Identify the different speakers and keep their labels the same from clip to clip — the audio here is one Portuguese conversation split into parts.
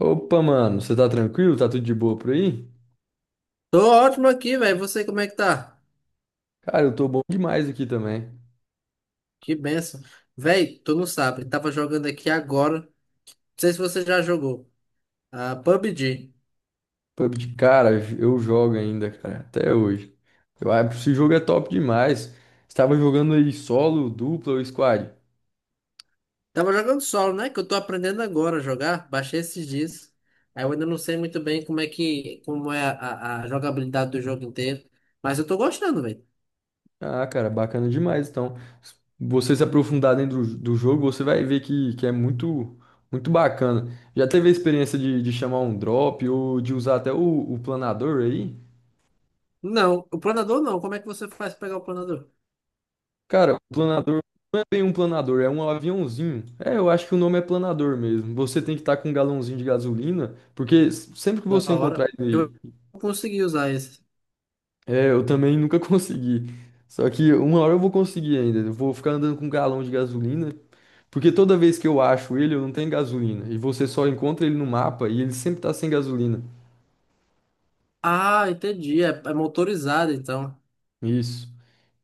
Speaker 1: Opa, mano, você tá tranquilo? Tá tudo de boa por aí?
Speaker 2: Tô ótimo aqui, velho. Você como é que tá?
Speaker 1: Cara, eu tô bom demais aqui também.
Speaker 2: Que benção. Velho, tu não sabe. Tava jogando aqui agora. Não sei se você já jogou. A PUBG.
Speaker 1: PUBG, cara, eu jogo ainda, cara, até hoje. Eu acho que esse jogo é top demais. Estava jogando aí solo, dupla ou squad?
Speaker 2: Tava jogando solo, né? Que eu tô aprendendo agora a jogar. Baixei esses dias. Aí eu ainda não sei muito bem como é a jogabilidade do jogo inteiro. Mas eu tô gostando, velho.
Speaker 1: Ah, cara, bacana demais. Então, se você se aprofundar dentro do jogo, você vai ver que é muito, muito bacana. Já teve a experiência de chamar um drop ou de usar até o planador aí?
Speaker 2: Não, o planador não. Como é que você faz pra pegar o planador?
Speaker 1: Cara, o planador não é bem um planador, é um aviãozinho. É, eu acho que o nome é planador mesmo. Você tem que estar com um galãozinho de gasolina, porque sempre que
Speaker 2: Da
Speaker 1: você encontrar
Speaker 2: hora.
Speaker 1: ele,
Speaker 2: Eu consegui usar esse.
Speaker 1: é, eu também nunca consegui. Só que uma hora eu vou conseguir ainda. Eu vou ficar andando com um galão de gasolina, porque toda vez que eu acho ele, eu não tenho gasolina. E você só encontra ele no mapa e ele sempre tá sem gasolina.
Speaker 2: Ah, entendi. É motorizado, então.
Speaker 1: Isso.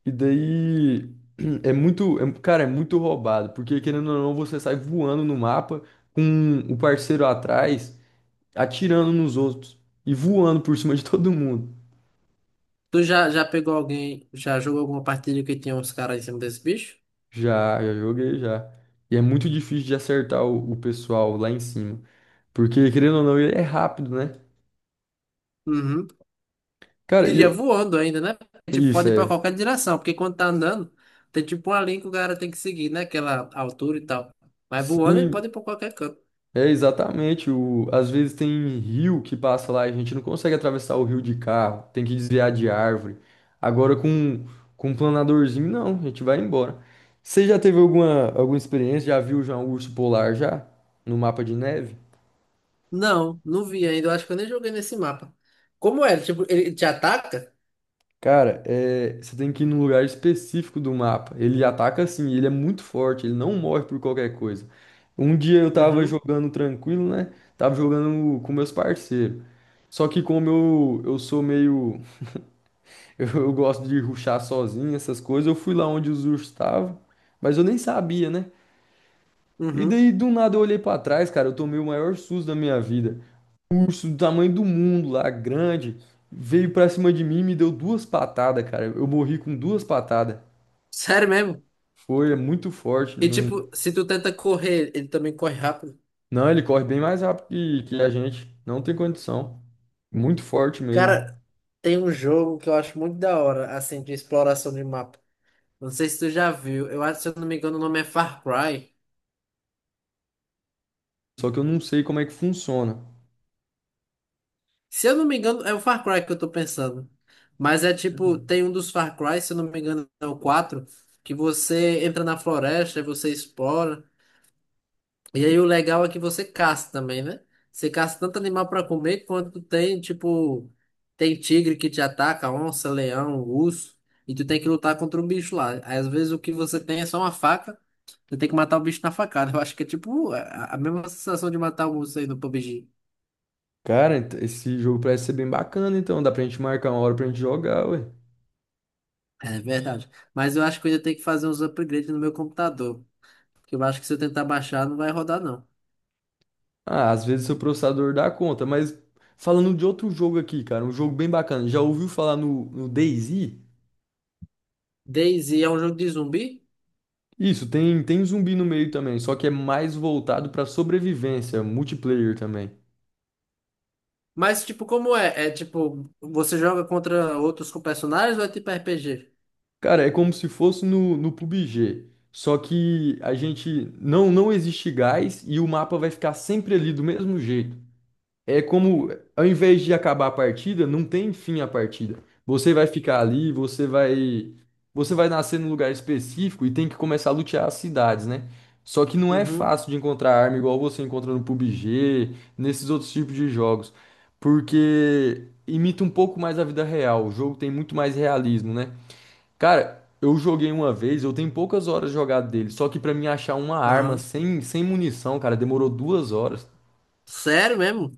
Speaker 1: E daí é muito, cara, é muito roubado, porque querendo ou não, você sai voando no mapa com o parceiro atrás, atirando nos outros e voando por cima de todo mundo.
Speaker 2: Tu já pegou alguém, já jogou alguma partida que tinha uns caras em cima desse bicho?
Speaker 1: Já joguei já. E é muito difícil de acertar o pessoal lá em cima. Porque, querendo ou não, ele é rápido, né?
Speaker 2: Uhum.
Speaker 1: Cara,
Speaker 2: Iria voando ainda, né? Tipo,
Speaker 1: isso
Speaker 2: pode ir pra
Speaker 1: é.
Speaker 2: qualquer direção, porque quando tá andando, tem tipo uma linha que o cara tem que seguir, né? Aquela altura e tal. Mas voando ele
Speaker 1: Sim,
Speaker 2: pode ir pra qualquer canto.
Speaker 1: é exatamente. Às vezes tem rio que passa lá e a gente não consegue atravessar o rio de carro, tem que desviar de árvore. Agora com um planadorzinho, não, a gente vai embora. Você já teve alguma experiência? Já viu já um urso polar já? No mapa de neve?
Speaker 2: Não, não vi ainda. Eu acho que eu nem joguei nesse mapa. Como é? Tipo, ele te ataca?
Speaker 1: Cara, você tem que ir num lugar específico do mapa. Ele ataca assim, ele é muito forte, ele não morre por qualquer coisa. Um dia eu tava
Speaker 2: Uhum,
Speaker 1: jogando tranquilo, né? Tava jogando com meus parceiros. Só que como eu sou meio. Eu gosto de rushar sozinho, essas coisas, eu fui lá onde os ursos estavam, mas eu nem sabia, né? E
Speaker 2: uhum.
Speaker 1: daí do nada eu olhei pra trás, cara, eu tomei o maior susto da minha vida. Um urso do tamanho do mundo lá, grande, veio pra cima de mim e me deu duas patadas, cara. Eu morri com duas patadas.
Speaker 2: Sério mesmo?
Speaker 1: Foi, é muito forte.
Speaker 2: E tipo,
Speaker 1: Não,
Speaker 2: se tu tenta correr, ele também corre rápido.
Speaker 1: não, ele corre bem mais rápido que a gente. Não tem condição. Muito forte mesmo.
Speaker 2: Cara, tem um jogo que eu acho muito da hora, assim, de exploração de mapa. Não sei se tu já viu. Eu acho, se eu não me engano, o nome é Far Cry.
Speaker 1: Só que eu não sei como é que funciona.
Speaker 2: Se eu não me engano, é o Far Cry que eu tô pensando. Mas é tipo, tem um dos Far Cry, se eu não me engano, é o 4 que você entra na floresta e você explora. E aí o legal é que você caça também, né? Você caça tanto animal para comer quanto tem, tipo, tem tigre que te ataca, onça, leão, urso, e tu tem que lutar contra um bicho lá. Às vezes o que você tem é só uma faca, tu tem que matar o bicho na facada. Eu acho que é tipo a mesma sensação de matar um urso aí no PUBG.
Speaker 1: Cara, esse jogo parece ser bem bacana, então dá pra gente marcar uma hora pra gente jogar, ué.
Speaker 2: É verdade. Mas eu acho que eu ainda tenho que fazer uns upgrades no meu computador, que eu acho que se eu tentar baixar não vai rodar não.
Speaker 1: Ah, às vezes seu processador dá conta, mas falando de outro jogo aqui, cara, um jogo bem bacana. Já ouviu falar no DayZ?
Speaker 2: DayZ é um jogo de zumbi?
Speaker 1: Isso, tem zumbi no meio também, só que é mais voltado pra sobrevivência, multiplayer também.
Speaker 2: Mas, tipo, como é? É tipo, você joga contra outros com personagens ou é tipo RPG?
Speaker 1: Cara, é como se fosse no PUBG, só que a gente não existe gás e o mapa vai ficar sempre ali do mesmo jeito. É como, ao invés de acabar a partida, não tem fim a partida. Você vai ficar ali, você vai nascer num lugar específico e tem que começar a lutear as cidades, né? Só que não é
Speaker 2: Uhum.
Speaker 1: fácil de encontrar arma igual você encontra no PUBG, nesses outros tipos de jogos, porque imita um pouco mais a vida real. O jogo tem muito mais realismo, né? Cara, eu joguei uma vez, eu tenho poucas horas jogadas dele, só que pra mim achar uma arma
Speaker 2: Aham.
Speaker 1: sem munição, cara, demorou duas horas.
Speaker 2: Sério mesmo?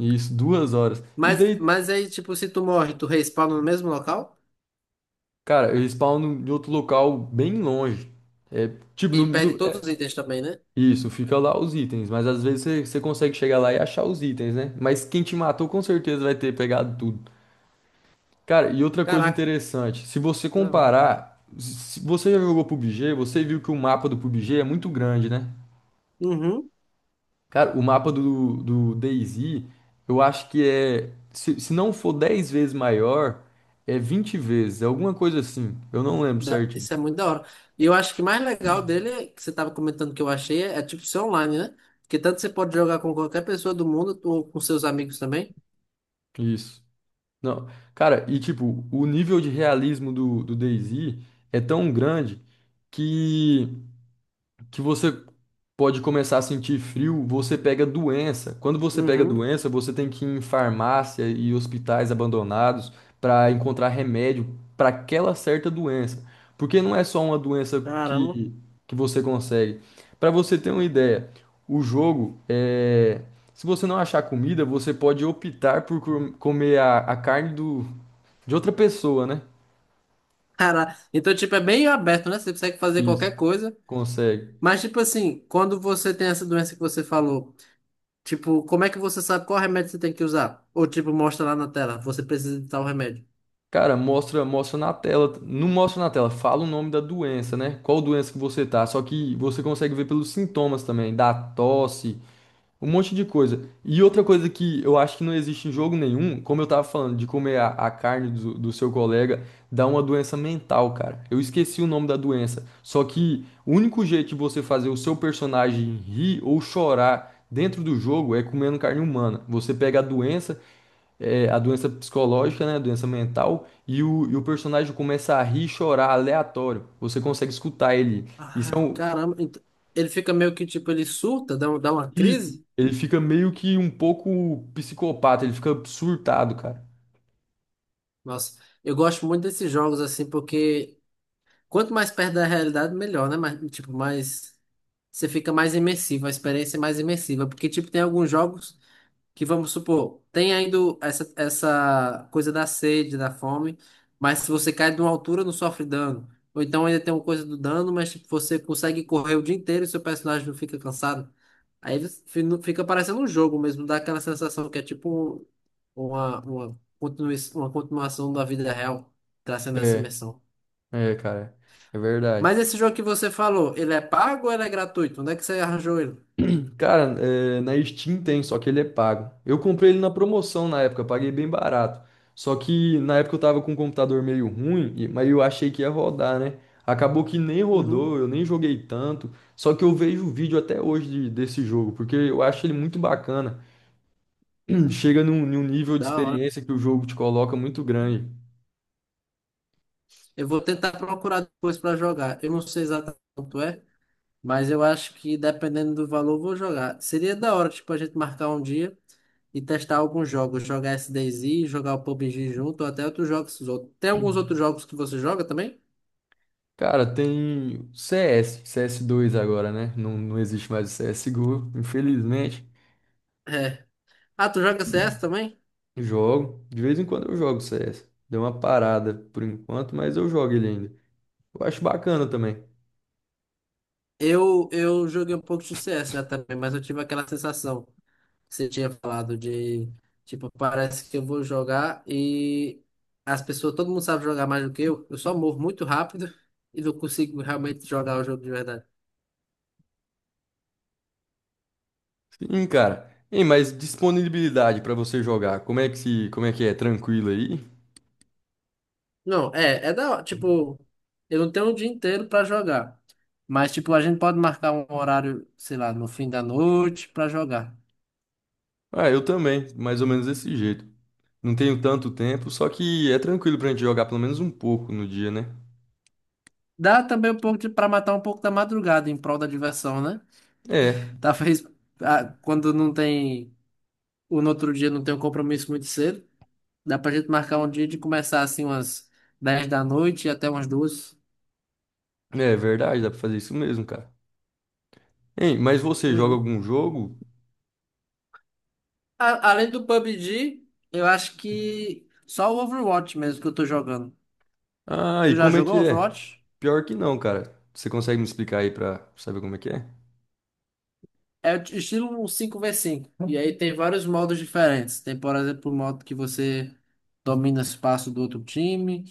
Speaker 1: Isso, duas horas. E
Speaker 2: Mas,
Speaker 1: daí
Speaker 2: mas aí, tipo, se tu morre, tu respawna no mesmo local
Speaker 1: cara, eles spawnam em outro local bem longe. É, tipo,
Speaker 2: e perde todos
Speaker 1: é,
Speaker 2: os itens também, né?
Speaker 1: isso, fica lá os itens, mas às vezes você consegue chegar lá e achar os itens, né? Mas quem te matou com certeza vai ter pegado tudo. Cara, e outra coisa
Speaker 2: Caraca,
Speaker 1: interessante, se você
Speaker 2: da hora.
Speaker 1: comparar, se você já jogou PUBG, você viu que o mapa do PUBG é muito grande, né?
Speaker 2: Uhum.
Speaker 1: Cara, o mapa do DayZ, eu acho que é, se não for 10 vezes maior, é 20 vezes, é alguma coisa assim. Eu não lembro certinho.
Speaker 2: Isso é muito da hora. E eu acho que o mais legal dele, que você tava comentando que eu achei, tipo ser online, né? Porque tanto você pode jogar com qualquer pessoa do mundo ou com seus amigos também.
Speaker 1: Isso. Não, cara, e tipo, o nível de realismo do DayZ é tão grande que que você pode começar a sentir frio, você pega doença. Quando você pega
Speaker 2: Uhum.
Speaker 1: doença, você tem que ir em farmácia e hospitais abandonados para encontrar remédio para aquela certa doença. Porque não é só uma doença
Speaker 2: Caramba.
Speaker 1: que você consegue. Para você ter uma ideia, o jogo é. Se você não achar comida, você pode optar por comer a carne de outra pessoa, né?
Speaker 2: Cara, então, tipo, é bem aberto, né? Você consegue fazer qualquer
Speaker 1: Isso.
Speaker 2: coisa.
Speaker 1: Consegue.
Speaker 2: Mas, tipo assim, quando você tem essa doença que você falou, tipo, como é que você sabe qual remédio você tem que usar? Ou, tipo, mostra lá na tela, você precisa de tal remédio.
Speaker 1: Cara, mostra, mostra na tela. Não mostra na tela, fala o nome da doença, né? Qual doença que você tá. Só que você consegue ver pelos sintomas também, da tosse, um monte de coisa. E outra coisa que eu acho que não existe em jogo nenhum, como eu tava falando, de comer a carne do seu colega, dá uma doença mental, cara. Eu esqueci o nome da doença. Só que o único jeito de você fazer o seu personagem rir ou chorar dentro do jogo é comendo carne humana. Você pega a doença é, a doença psicológica, né, a doença mental, e o personagem começa a rir e chorar aleatório. Você consegue escutar ele. Isso é
Speaker 2: Ah,
Speaker 1: um,
Speaker 2: caramba. Ele fica meio que, tipo, ele surta, dá uma
Speaker 1: isso.
Speaker 2: crise.
Speaker 1: Ele fica meio que um pouco psicopata, ele fica surtado, cara.
Speaker 2: Nossa, eu gosto muito desses jogos, assim, porque quanto mais perto da realidade, melhor, né? Mas, tipo, mais. Você fica mais imersivo, a experiência é mais imersiva. Porque, tipo, tem alguns jogos. Que vamos supor, tem ainda essa coisa da sede, da fome, mas se você cai de uma altura, não sofre dano. Ou então ainda tem uma coisa do dano, mas tipo, você consegue correr o dia inteiro e seu personagem não fica cansado. Aí você fi- não- Fica parecendo um jogo mesmo, dá aquela sensação que é tipo uma continuação da vida real, trazendo essa
Speaker 1: É,
Speaker 2: imersão.
Speaker 1: é, cara, é verdade.
Speaker 2: Mas esse jogo que você falou, ele é pago ou ele é gratuito? Onde é que você arranjou ele?
Speaker 1: Cara, na Steam tem, só que ele é pago. Eu comprei ele na promoção na época, paguei bem barato. Só que na época eu tava com um computador meio ruim, mas eu achei que ia rodar, né? Acabou que nem
Speaker 2: Uhum,
Speaker 1: rodou, eu nem joguei tanto. Só que eu vejo o vídeo até hoje desse jogo, porque eu acho ele muito bacana. Chega num nível de
Speaker 2: da hora.
Speaker 1: experiência que o jogo te coloca muito grande.
Speaker 2: Eu vou tentar procurar depois para jogar. Eu não sei exatamente quanto é, mas eu acho que dependendo do valor, eu vou jogar. Seria da hora, tipo, a gente marcar um dia e testar alguns jogos. Jogar SDZ, jogar o PUBG junto, ou até outros jogos. Tem alguns outros jogos que você joga também?
Speaker 1: Cara, tem CS, CS2 agora, né? Não, não existe mais o CSGO, infelizmente.
Speaker 2: É. Ah, tu joga CS também?
Speaker 1: Jogo. De vez em quando eu jogo CS. Deu uma parada por enquanto, mas eu jogo ele ainda. Eu acho bacana também.
Speaker 2: Eu joguei um pouco de CS já também, mas eu tive aquela sensação que você tinha falado de, tipo, parece que eu vou jogar e as pessoas, todo mundo sabe jogar mais do que eu. Eu só morro muito rápido e não consigo realmente jogar o jogo de verdade.
Speaker 1: Sim, cara. Ei, mas disponibilidade pra você jogar, como é que se, como é que é? Tranquilo aí?
Speaker 2: Não, tipo, eu não tenho o dia inteiro pra jogar. Mas, tipo, a gente pode marcar um horário, sei lá, no fim da noite pra jogar.
Speaker 1: Ah, eu também, mais ou menos desse jeito. Não tenho tanto tempo, só que é tranquilo pra gente jogar pelo menos um pouco no dia, né?
Speaker 2: Dá também um pouco de, pra matar um pouco da madrugada em prol da diversão, né?
Speaker 1: É,
Speaker 2: Talvez quando não tem, o no outro dia não tem um compromisso muito cedo, dá pra gente marcar um dia de começar assim umas 10 da noite e até umas 2.
Speaker 1: é, verdade, dá pra fazer isso mesmo, cara. Hein, mas você joga
Speaker 2: Uhum.
Speaker 1: algum jogo?
Speaker 2: Além do PUBG, eu acho que só o Overwatch mesmo que eu tô jogando.
Speaker 1: Ah, e
Speaker 2: Tu já
Speaker 1: como é
Speaker 2: jogou
Speaker 1: que é?
Speaker 2: Overwatch?
Speaker 1: Pior que não, cara. Você consegue me explicar aí pra saber como é que é?
Speaker 2: É o estilo 5v5. E aí tem vários modos diferentes. Tem, por exemplo, o modo que você domina espaço do outro time.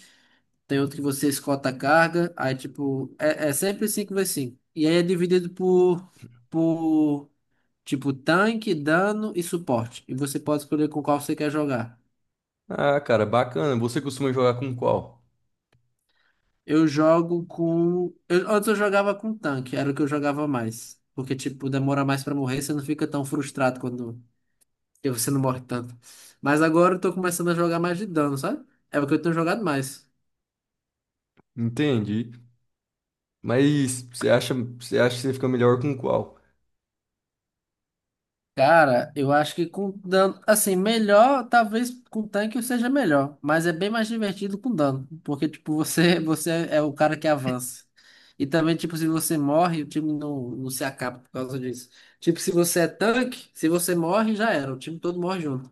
Speaker 2: Tem outro que você escolta a carga. Aí, tipo, é sempre 5v5. E aí é dividido por, tipo, tanque, dano e suporte. E você pode escolher com qual você quer jogar.
Speaker 1: Ah, cara, bacana. Você costuma jogar com qual?
Speaker 2: Eu jogo com... antes eu jogava com tanque. Era o que eu jogava mais. Porque, tipo, demora mais pra morrer. Você não fica tão frustrado quando. Porque você não morre tanto. Mas agora eu tô começando a jogar mais de dano, sabe? É o que eu tenho jogado mais.
Speaker 1: Entendi. Mas você acha que você fica melhor com qual?
Speaker 2: Cara, eu acho que com dano. Assim, melhor, talvez com tanque eu seja melhor. Mas é bem mais divertido com dano. Porque, tipo, você, você é o cara que avança. E também, tipo, se você morre, o time não se acaba por causa disso. Tipo, se você é tanque, se você morre, já era. O time todo morre junto.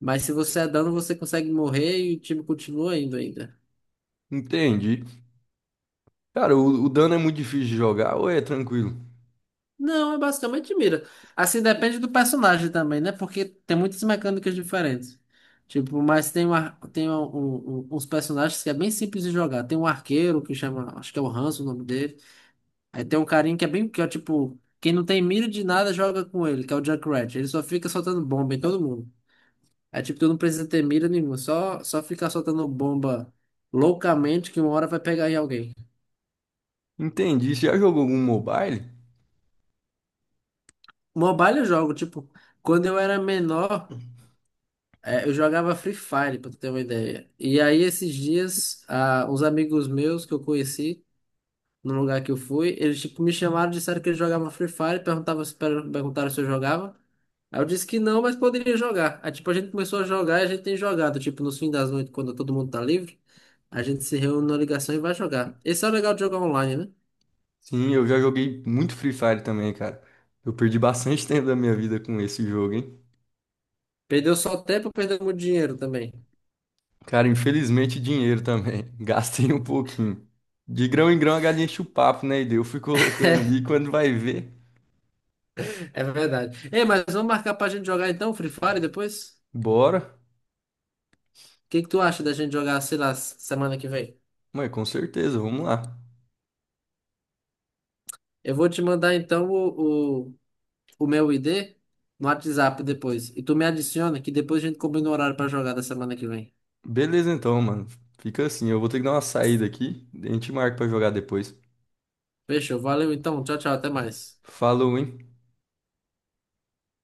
Speaker 2: Mas se você é dano, você consegue morrer e o time continua indo ainda.
Speaker 1: Entendi. Cara, o dano é muito difícil de jogar ou é tranquilo?
Speaker 2: Não, é basicamente mira. Assim depende do personagem também, né? Porque tem muitas mecânicas diferentes. Tipo, mas tem, uns personagens que é bem simples de jogar. Tem um arqueiro que chama, acho que é o Hanzo o nome dele. Aí tem um carinha que é bem, que é tipo, quem não tem mira de nada joga com ele, que é o Junkrat. Ele só fica soltando bomba em todo mundo. Aí tipo, tu não precisa ter mira nenhuma, só ficar soltando bomba loucamente que uma hora vai pegar em alguém.
Speaker 1: Entendi. Você já jogou algum mobile?
Speaker 2: Mobile eu jogo, tipo, quando eu era menor. É, eu jogava Free Fire, pra tu ter uma ideia. E aí, esses dias, uns amigos meus que eu conheci, no lugar que eu fui, eles tipo, me chamaram, disseram que eles jogavam Free Fire, perguntavam se, per- perguntaram se eu jogava. Aí eu disse que não, mas poderia jogar. Aí, tipo, a gente começou a jogar e a gente tem jogado. Tipo, nos fins das noites, quando todo mundo tá livre, a gente se reúne na ligação e vai jogar. Esse é o legal de jogar online, né?
Speaker 1: Sim, eu já joguei muito Free Fire também, cara. Eu perdi bastante tempo da minha vida com esse jogo, hein?
Speaker 2: Perdeu só tempo, perdeu muito dinheiro também.
Speaker 1: Cara, infelizmente dinheiro também. Gastei um pouquinho. De grão em grão a galinha enche o papo, né? E daí eu fui colocando ali. Quando vai ver,
Speaker 2: É verdade. Ei, mas vamos marcar pra gente jogar então, Free Fire depois?
Speaker 1: bora.
Speaker 2: O que que tu acha da gente jogar, sei lá, semana que vem?
Speaker 1: Mas com certeza, vamos lá.
Speaker 2: Eu vou te mandar então o meu ID no WhatsApp depois. E tu me adiciona que depois a gente combina o horário pra jogar da semana que vem.
Speaker 1: Beleza então, mano. Fica assim, eu vou ter que dar uma saída aqui. A gente marca pra jogar depois.
Speaker 2: Fechou, valeu então, tchau, tchau, até mais.
Speaker 1: Falou, hein?